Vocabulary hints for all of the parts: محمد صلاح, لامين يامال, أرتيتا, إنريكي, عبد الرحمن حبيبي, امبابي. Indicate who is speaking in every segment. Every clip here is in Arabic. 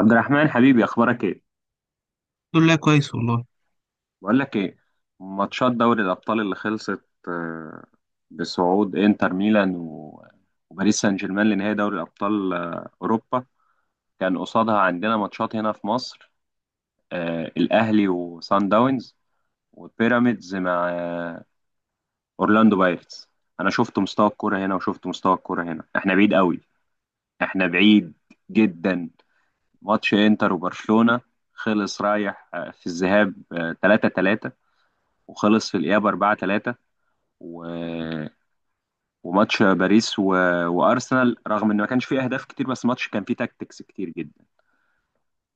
Speaker 1: عبد الرحمن، حبيبي، اخبارك ايه؟
Speaker 2: الحمد لله كويس والله.
Speaker 1: بقول لك ايه. ماتشات دوري الابطال اللي خلصت بصعود انتر ميلان و- وباريس سان جيرمان لنهائي دوري الابطال اوروبا، كان قصادها عندنا ماتشات هنا في مصر. الاهلي وسان داونز، وبيراميدز مع اورلاندو بايرتس. انا شفت مستوى الكوره هنا وشفت مستوى الكوره هنا، احنا بعيد قوي، احنا بعيد جدا. ماتش انتر وبرشلونه خلص رايح في الذهاب 3-3، وخلص في الإياب 4-3، و... وماتش باريس و... وأرسنال، رغم إن ما كانش فيه أهداف كتير، بس ماتش كان فيه تاكتكس كتير جدا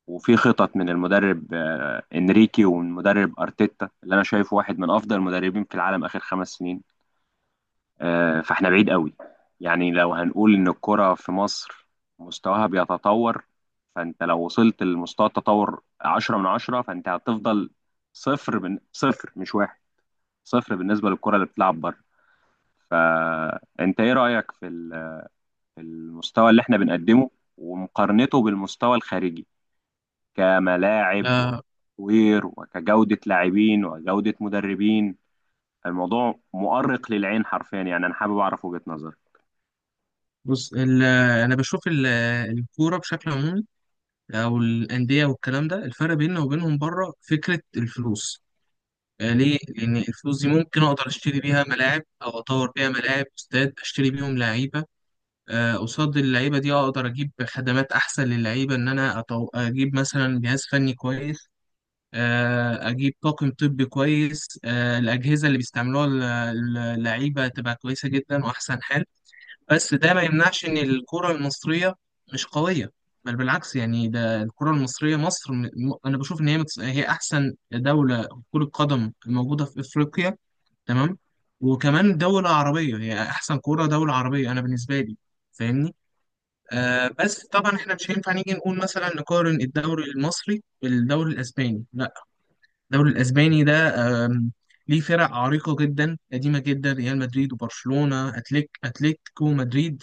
Speaker 1: وفي خطط من المدرب إنريكي، ومن مدرب أرتيتا اللي أنا شايفه واحد من أفضل المدربين في العالم آخر خمس سنين. فإحنا بعيد قوي. يعني لو هنقول إن الكرة في مصر مستواها بيتطور، فأنت لو وصلت لمستوى التطور 10 من 10، فأنت هتفضل صفر من صفر، مش واحد، صفر بالنسبة للكرة اللي بتلعب بره. فانت ايه رأيك في المستوى اللي احنا بنقدمه ومقارنته بالمستوى الخارجي، كملاعب
Speaker 2: آه
Speaker 1: وكتطوير وكجودة لاعبين وجودة مدربين؟ الموضوع مؤرق للعين حرفيا، يعني انا حابب اعرف وجهة نظرك.
Speaker 2: بص انا بشوف الكوره بشكل عمومي او الانديه والكلام ده، الفرق بيننا وبينهم بره فكره الفلوس. آه، ليه؟ لان الفلوس دي ممكن اقدر اشتري بيها ملاعب او اطور بيها ملاعب استاد، اشتري بيهم لعيبه. آه، قصاد اللعيبه دي اقدر اجيب خدمات احسن للعيبه، ان انا اجيب مثلا جهاز فني كويس، اجيب طاقم طبي كويس، الاجهزه اللي بيستعملوها، اللعيبه تبقى كويسه جدا واحسن حال. بس ده ما يمنعش ان الكرة المصرية مش قوية، بل بالعكس. يعني ده الكرة المصرية، مصر انا بشوف ان هي احسن دولة كرة قدم موجودة في افريقيا، تمام، وكمان دولة عربية، هي احسن كرة دولة عربية انا بالنسبة لي، فاهمني؟ آه بس طبعا احنا مش هينفع نيجي نقول مثلا نقارن الدوري المصري بالدوري الاسباني، لا. الدوري الاسباني ده، آم، ليه فرق عريقة جدا قديمة جدا، ريال مدريد وبرشلونة، أتليتيكو مدريد.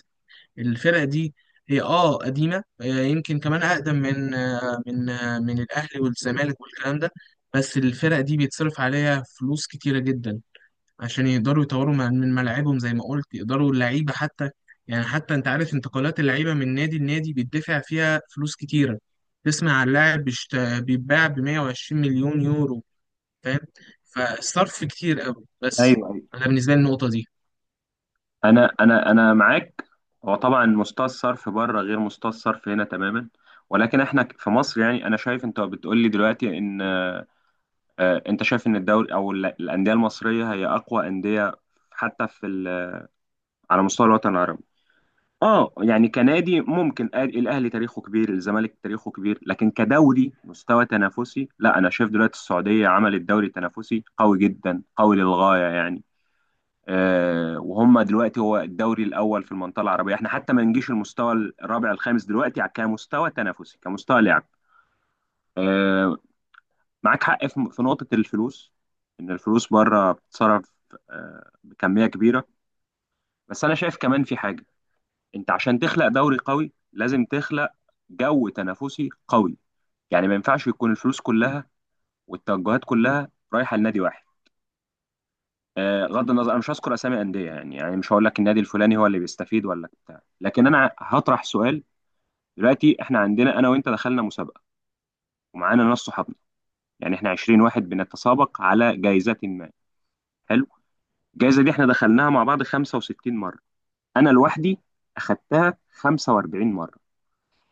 Speaker 2: الفرقة دي هي اه قديمة، آه، يمكن كمان أقدم من من الأهلي والزمالك والكلام ده. بس الفرقة دي بيتصرف عليها فلوس كتيرة جدا، عشان يقدروا يطوروا من ملاعبهم، زي ما قلت يقدروا اللعيبة حتى. يعني حتى أنت عارف انتقالات اللعيبة من نادي لنادي بيدفع فيها فلوس كتيرة. تسمع عن لاعب بيتباع ب 120 مليون يورو، فاهم؟ فالصرف كتير قوي. بس
Speaker 1: ايوه، ايوه.
Speaker 2: أنا بالنسبة لي النقطة دي
Speaker 1: انا معاك. هو طبعا مستوى الصرف بره غير مستوى الصرف هنا تماما، ولكن احنا في مصر، يعني انا شايف انت بتقول لي دلوقتي ان انت شايف ان الدوري او الانديه المصريه هي اقوى انديه حتى في ال على مستوى الوطن العربي. اه، يعني كنادي ممكن، الاهلي تاريخه كبير، الزمالك تاريخه كبير، لكن كدوري مستوى تنافسي لا. انا شايف دلوقتي السعوديه عملت دوري تنافسي قوي جدا، قوي للغايه يعني. آه، وهم دلوقتي هو الدوري الاول في المنطقه العربيه. احنا حتى ما نجيش المستوى الرابع الخامس دلوقتي، كمستوى تنافسي كمستوى لعب. آه، معاك حق في نقطه الفلوس، ان الفلوس بره بتتصرف آه بكميه كبيره. بس انا شايف كمان في حاجه، انت عشان تخلق دوري قوي لازم تخلق جو تنافسي قوي. يعني ما ينفعش يكون الفلوس كلها والتوجهات كلها رايحه لنادي واحد. غض النظر، انا مش هذكر اسامي انديه، يعني مش هقول لك النادي الفلاني هو اللي بيستفيد ولا بتاع، لكن انا هطرح سؤال. دلوقتي احنا عندنا، انا وانت دخلنا مسابقه ومعانا ناس صحابنا، يعني احنا 20 واحد بنتسابق على جائزه ما، حلو. الجائزه دي احنا دخلناها مع بعض 65 مره، انا لوحدي اخدتها 45 مره.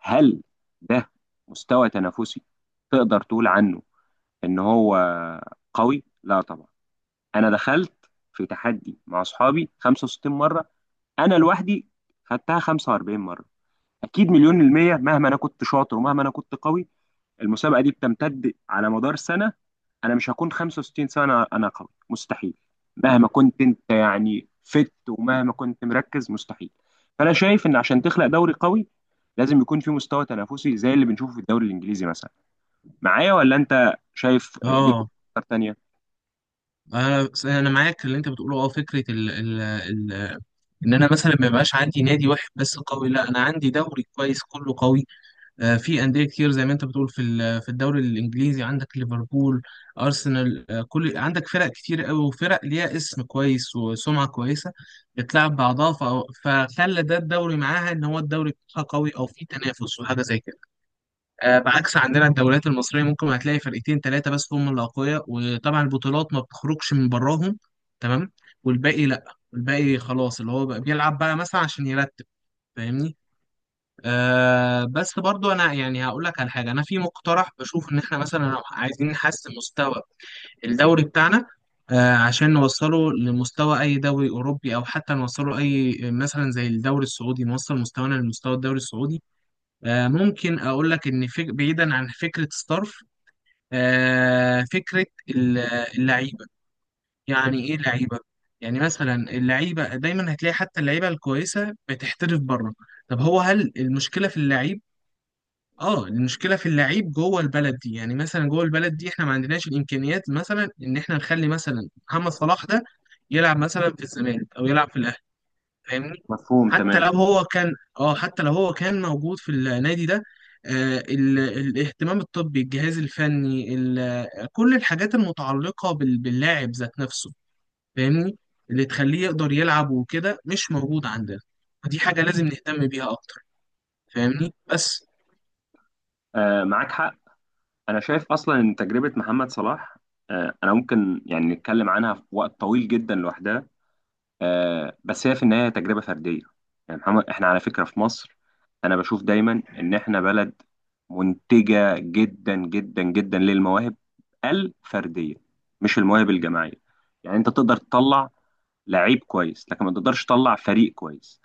Speaker 1: هل ده مستوى تنافسي تقدر تقول عنه ان هو قوي؟ لا طبعا. انا دخلت في تحدي مع اصحابي 65 مره، انا لوحدي خدتها 45 مره، اكيد مليون المية، مهما انا كنت شاطر ومهما انا كنت قوي. المسابقه دي بتمتد على مدار سنه، انا مش هكون 65 سنه انا قوي، مستحيل. مهما كنت انت يعني فت ومهما كنت مركز، مستحيل. فانا شايف ان عشان تخلق دوري قوي لازم يكون في مستوى تنافسي زي اللي بنشوفه في الدوري الانجليزي مثلا. معايا ولا انت شايف ليك
Speaker 2: اه،
Speaker 1: افكار تانية؟
Speaker 2: انا معاك في اللي انت بتقوله. اه فكره ال ال ال ان انا مثلا ما يبقاش عندي نادي واحد بس قوي، لا، انا عندي دوري كويس كله قوي. آه، في انديه كتير زي ما انت بتقول، في في الدوري الانجليزي عندك ليفربول، ارسنال، آه، كل عندك فرق كتير قوي، وفرق ليها اسم كويس وسمعه كويسه، بتلعب بعضها، فخلى ده الدوري معاها ان هو الدوري بتاعها قوي، او في تنافس وحاجه زي كده. آه، بعكس عندنا الدوريات المصرية، ممكن هتلاقي فرقتين ثلاثة بس هم اللي أقوياء، وطبعا البطولات ما بتخرجش من براهم، تمام، والباقي لأ. الباقي خلاص اللي هو بقى بيلعب بقى مثلا عشان يرتب، فاهمني؟ آه بس برضو أنا يعني هقول لك على حاجة، أنا في مقترح بشوف إن إحنا مثلا لو عايزين نحسن مستوى الدوري بتاعنا، آه عشان نوصله لمستوى أي دوري أوروبي، أو حتى نوصله أي مثلا زي الدوري السعودي، نوصل مستوانا لمستوى الدوري السعودي. آه، ممكن اقول لك ان بعيدا عن فكره ستارف، آه، فكره اللعيبه. يعني ايه لعيبه؟ يعني مثلا اللعيبه دايما هتلاقي حتى اللعيبه الكويسه بتحترف بره. طب هو هل المشكله في اللعيب؟ اه المشكله في اللعيب جوه البلد دي. يعني مثلا جوه البلد دي احنا ما عندناش الامكانيات مثلا ان احنا نخلي مثلا محمد صلاح ده يلعب مثلا في الزمالك او يلعب في الاهلي، فاهمني؟
Speaker 1: مفهوم
Speaker 2: حتى
Speaker 1: تمام.
Speaker 2: لو هو كان، اه حتى لو هو كان موجود في النادي ده، الاهتمام الطبي، الجهاز الفني، كل الحاجات المتعلقة باللاعب ذات نفسه، فاهمني، اللي تخليه يقدر يلعب وكده مش موجود عندنا. ودي حاجة لازم نهتم بيها أكتر، فاهمني. بس
Speaker 1: آه، معاك حق. انا شايف اصلا ان تجربه محمد صلاح، آه، انا ممكن يعني نتكلم عنها في وقت طويل جدا لوحدها. آه، بس هي في النهاية تجربة فردية. يعني محمد، احنا على فكرة في مصر، انا بشوف دايما ان احنا بلد منتجة جدا جدا جدا للمواهب الفردية، مش المواهب الجماعية. يعني انت تقدر تطلع لعيب كويس، لكن ما تقدرش تطلع فريق كويس.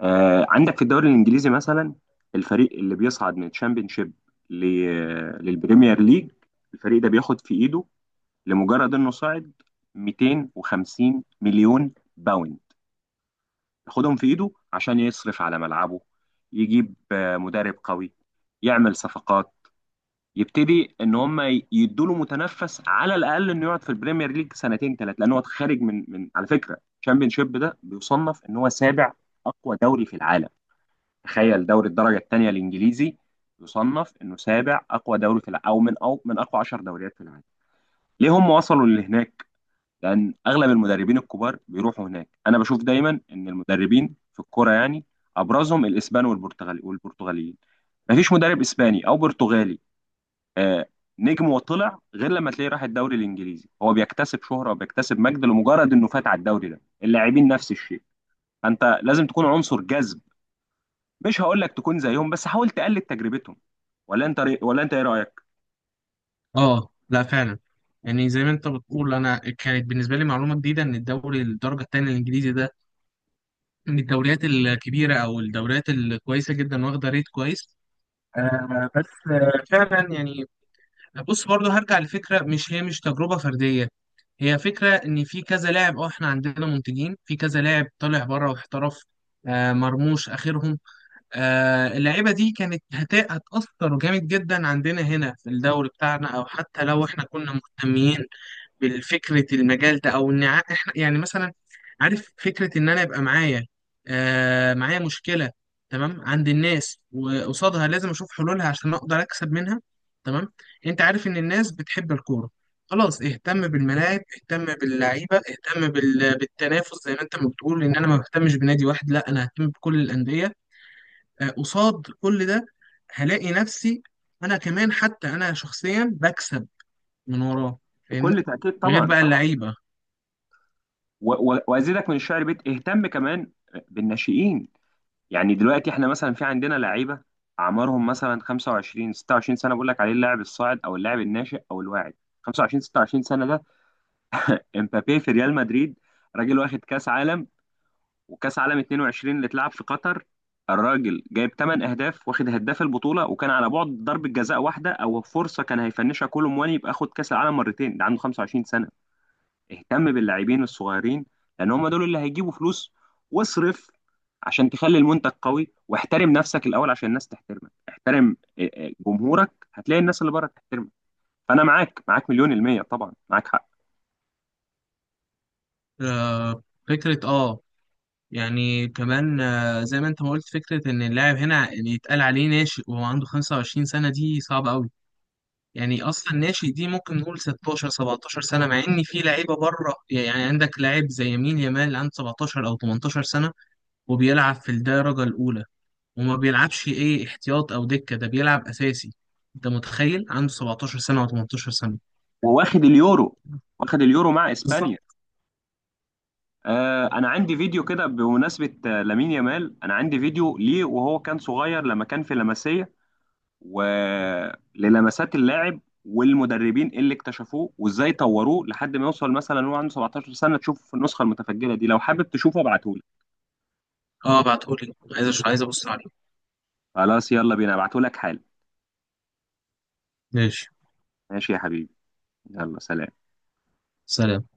Speaker 1: آه، عندك في الدوري الانجليزي مثلا، الفريق اللي بيصعد من الشامبيونشيب ل- للبريمير ليج، الفريق ده بياخد في ايده، لمجرد انه صعد، 250 مليون باوند، ياخدهم في ايده عشان يصرف على ملعبه، يجيب مدرب قوي، يعمل صفقات، يبتدي ان هم يدوا له متنفس على الاقل انه يقعد في البريمير ليج سنتين ثلاثه، لان هو خارج من على فكره الشامبيونشيب ده بيصنف ان هو سابع اقوى دوري في العالم. تخيل دوري الدرجه الثانيه الانجليزي يصنف انه سابع اقوى دوري في العالم، او من اقوى 10 دوريات في العالم. ليه هم وصلوا لهناك؟ لان اغلب المدربين الكبار بيروحوا هناك. انا بشوف دايما ان المدربين في الكوره يعني ابرزهم الاسبان والبرتغالي والبرتغاليين، مفيش مدرب اسباني او برتغالي آه نجم وطلع غير لما تلاقيه راح الدوري الانجليزي، هو بيكتسب شهره وبيكتسب مجد لمجرد انه فات على الدوري ده. اللاعبين نفس الشيء، فانت لازم تكون عنصر جذب، مش هقول لك تكون زيهم بس حاول تقلد تجربتهم. ولا انت ايه رايك؟
Speaker 2: اه لا فعلا. يعني زي ما انت بتقول، انا كانت بالنسبه لي معلومه جديده ان الدوري الدرجه الثانيه الانجليزي ده من الدوريات الكبيره او الدوريات الكويسه جدا، واخده ريت كويس. آه بس، آه فعلا يعني. بص برضو هرجع لفكرة مش هي مش تجربة فردية، هي فكرة ان في كذا لاعب. اه احنا عندنا منتجين، في كذا لاعب طالع بره واحترف، آه مرموش اخرهم. آه اللعيبة دي كانت هتأثر جامد جدا عندنا هنا في الدوري بتاعنا. او حتى لو احنا كنا مهتمين بالفكرة المجال ده، او ان احنا يعني مثلا، عارف فكرة ان انا يبقى معايا، آه معايا مشكلة، تمام، عند الناس وقصادها لازم اشوف حلولها عشان اقدر اكسب منها. تمام، انت عارف ان الناس بتحب الكورة، خلاص اهتم بالملاعب، اهتم باللعيبة، اهتم بالتنافس، زي ما انت ما بتقول ان انا ما بهتمش بنادي واحد، لا انا ههتم بكل الأندية. آه، قصاد كل ده هلاقي نفسي انا كمان، حتى انا شخصيا بكسب من وراه،
Speaker 1: بكل
Speaker 2: فاهمني،
Speaker 1: تاكيد،
Speaker 2: غير
Speaker 1: طبعا
Speaker 2: بقى
Speaker 1: طبعا.
Speaker 2: اللعيبة.
Speaker 1: و... و... وازيدك من الشعر بيت، اهتم كمان بالناشئين. يعني دلوقتي احنا مثلا في عندنا لعيبه اعمارهم مثلا 25 26 سنه، بقول لك عليه اللاعب الصاعد او اللاعب الناشئ او الواعد. 25 26 سنه ده امبابي في ريال مدريد، راجل واخد كاس عالم، وكاس عالم 22 اللي اتلعب في قطر الراجل جايب 8 اهداف واخد هداف البطوله، وكان على بعد ضربه جزاء واحده او فرصه كان هيفنشها كولو مواني يبقى اخد كاس العالم مرتين، ده عنده 25 سنه. اهتم باللاعبين الصغيرين، لان هم دول اللي هيجيبوا فلوس. واصرف عشان تخلي المنتج قوي، واحترم نفسك الاول عشان الناس تحترمك. احترم جمهورك، هتلاقي الناس اللي بره تحترمك. فانا معاك، معاك مليون المية، طبعا معاك حق.
Speaker 2: آه، فكرة اه، يعني كمان، آه، زي ما انت ما قلت، فكرة ان اللاعب هنا يعني يتقال عليه ناشئ وهو عنده 25 سنة، دي صعبة قوي. يعني اصلا ناشئ دي ممكن نقول 16 17 سنة، مع ان في لعيبة بره، يعني عندك لاعب زي يمين يامال عنده 17 او 18 سنة وبيلعب في الدرجة الاولى، وما بيلعبش ايه احتياط او دكة، ده بيلعب اساسي. انت متخيل؟ عنده 17 سنة او 18 سنة.
Speaker 1: وواخد اليورو، واخد اليورو مع
Speaker 2: بالظبط.
Speaker 1: اسبانيا. آه، انا عندي فيديو كده بمناسبة لامين يامال، انا عندي فيديو ليه وهو كان صغير لما كان في لاماسيا، وللمسات اللاعب والمدربين اللي اكتشفوه وازاي طوروه لحد ما يوصل، مثلا هو عنده 17 سنة. تشوف النسخة المتفجلة دي، لو حابب تشوفه ابعتهولك.
Speaker 2: اه بعتهولي، عايز ابص عليه.
Speaker 1: خلاص، يلا بينا، ابعتهولك حالا.
Speaker 2: ماشي.
Speaker 1: ماشي يا حبيبي، يلا سلام.
Speaker 2: سلام.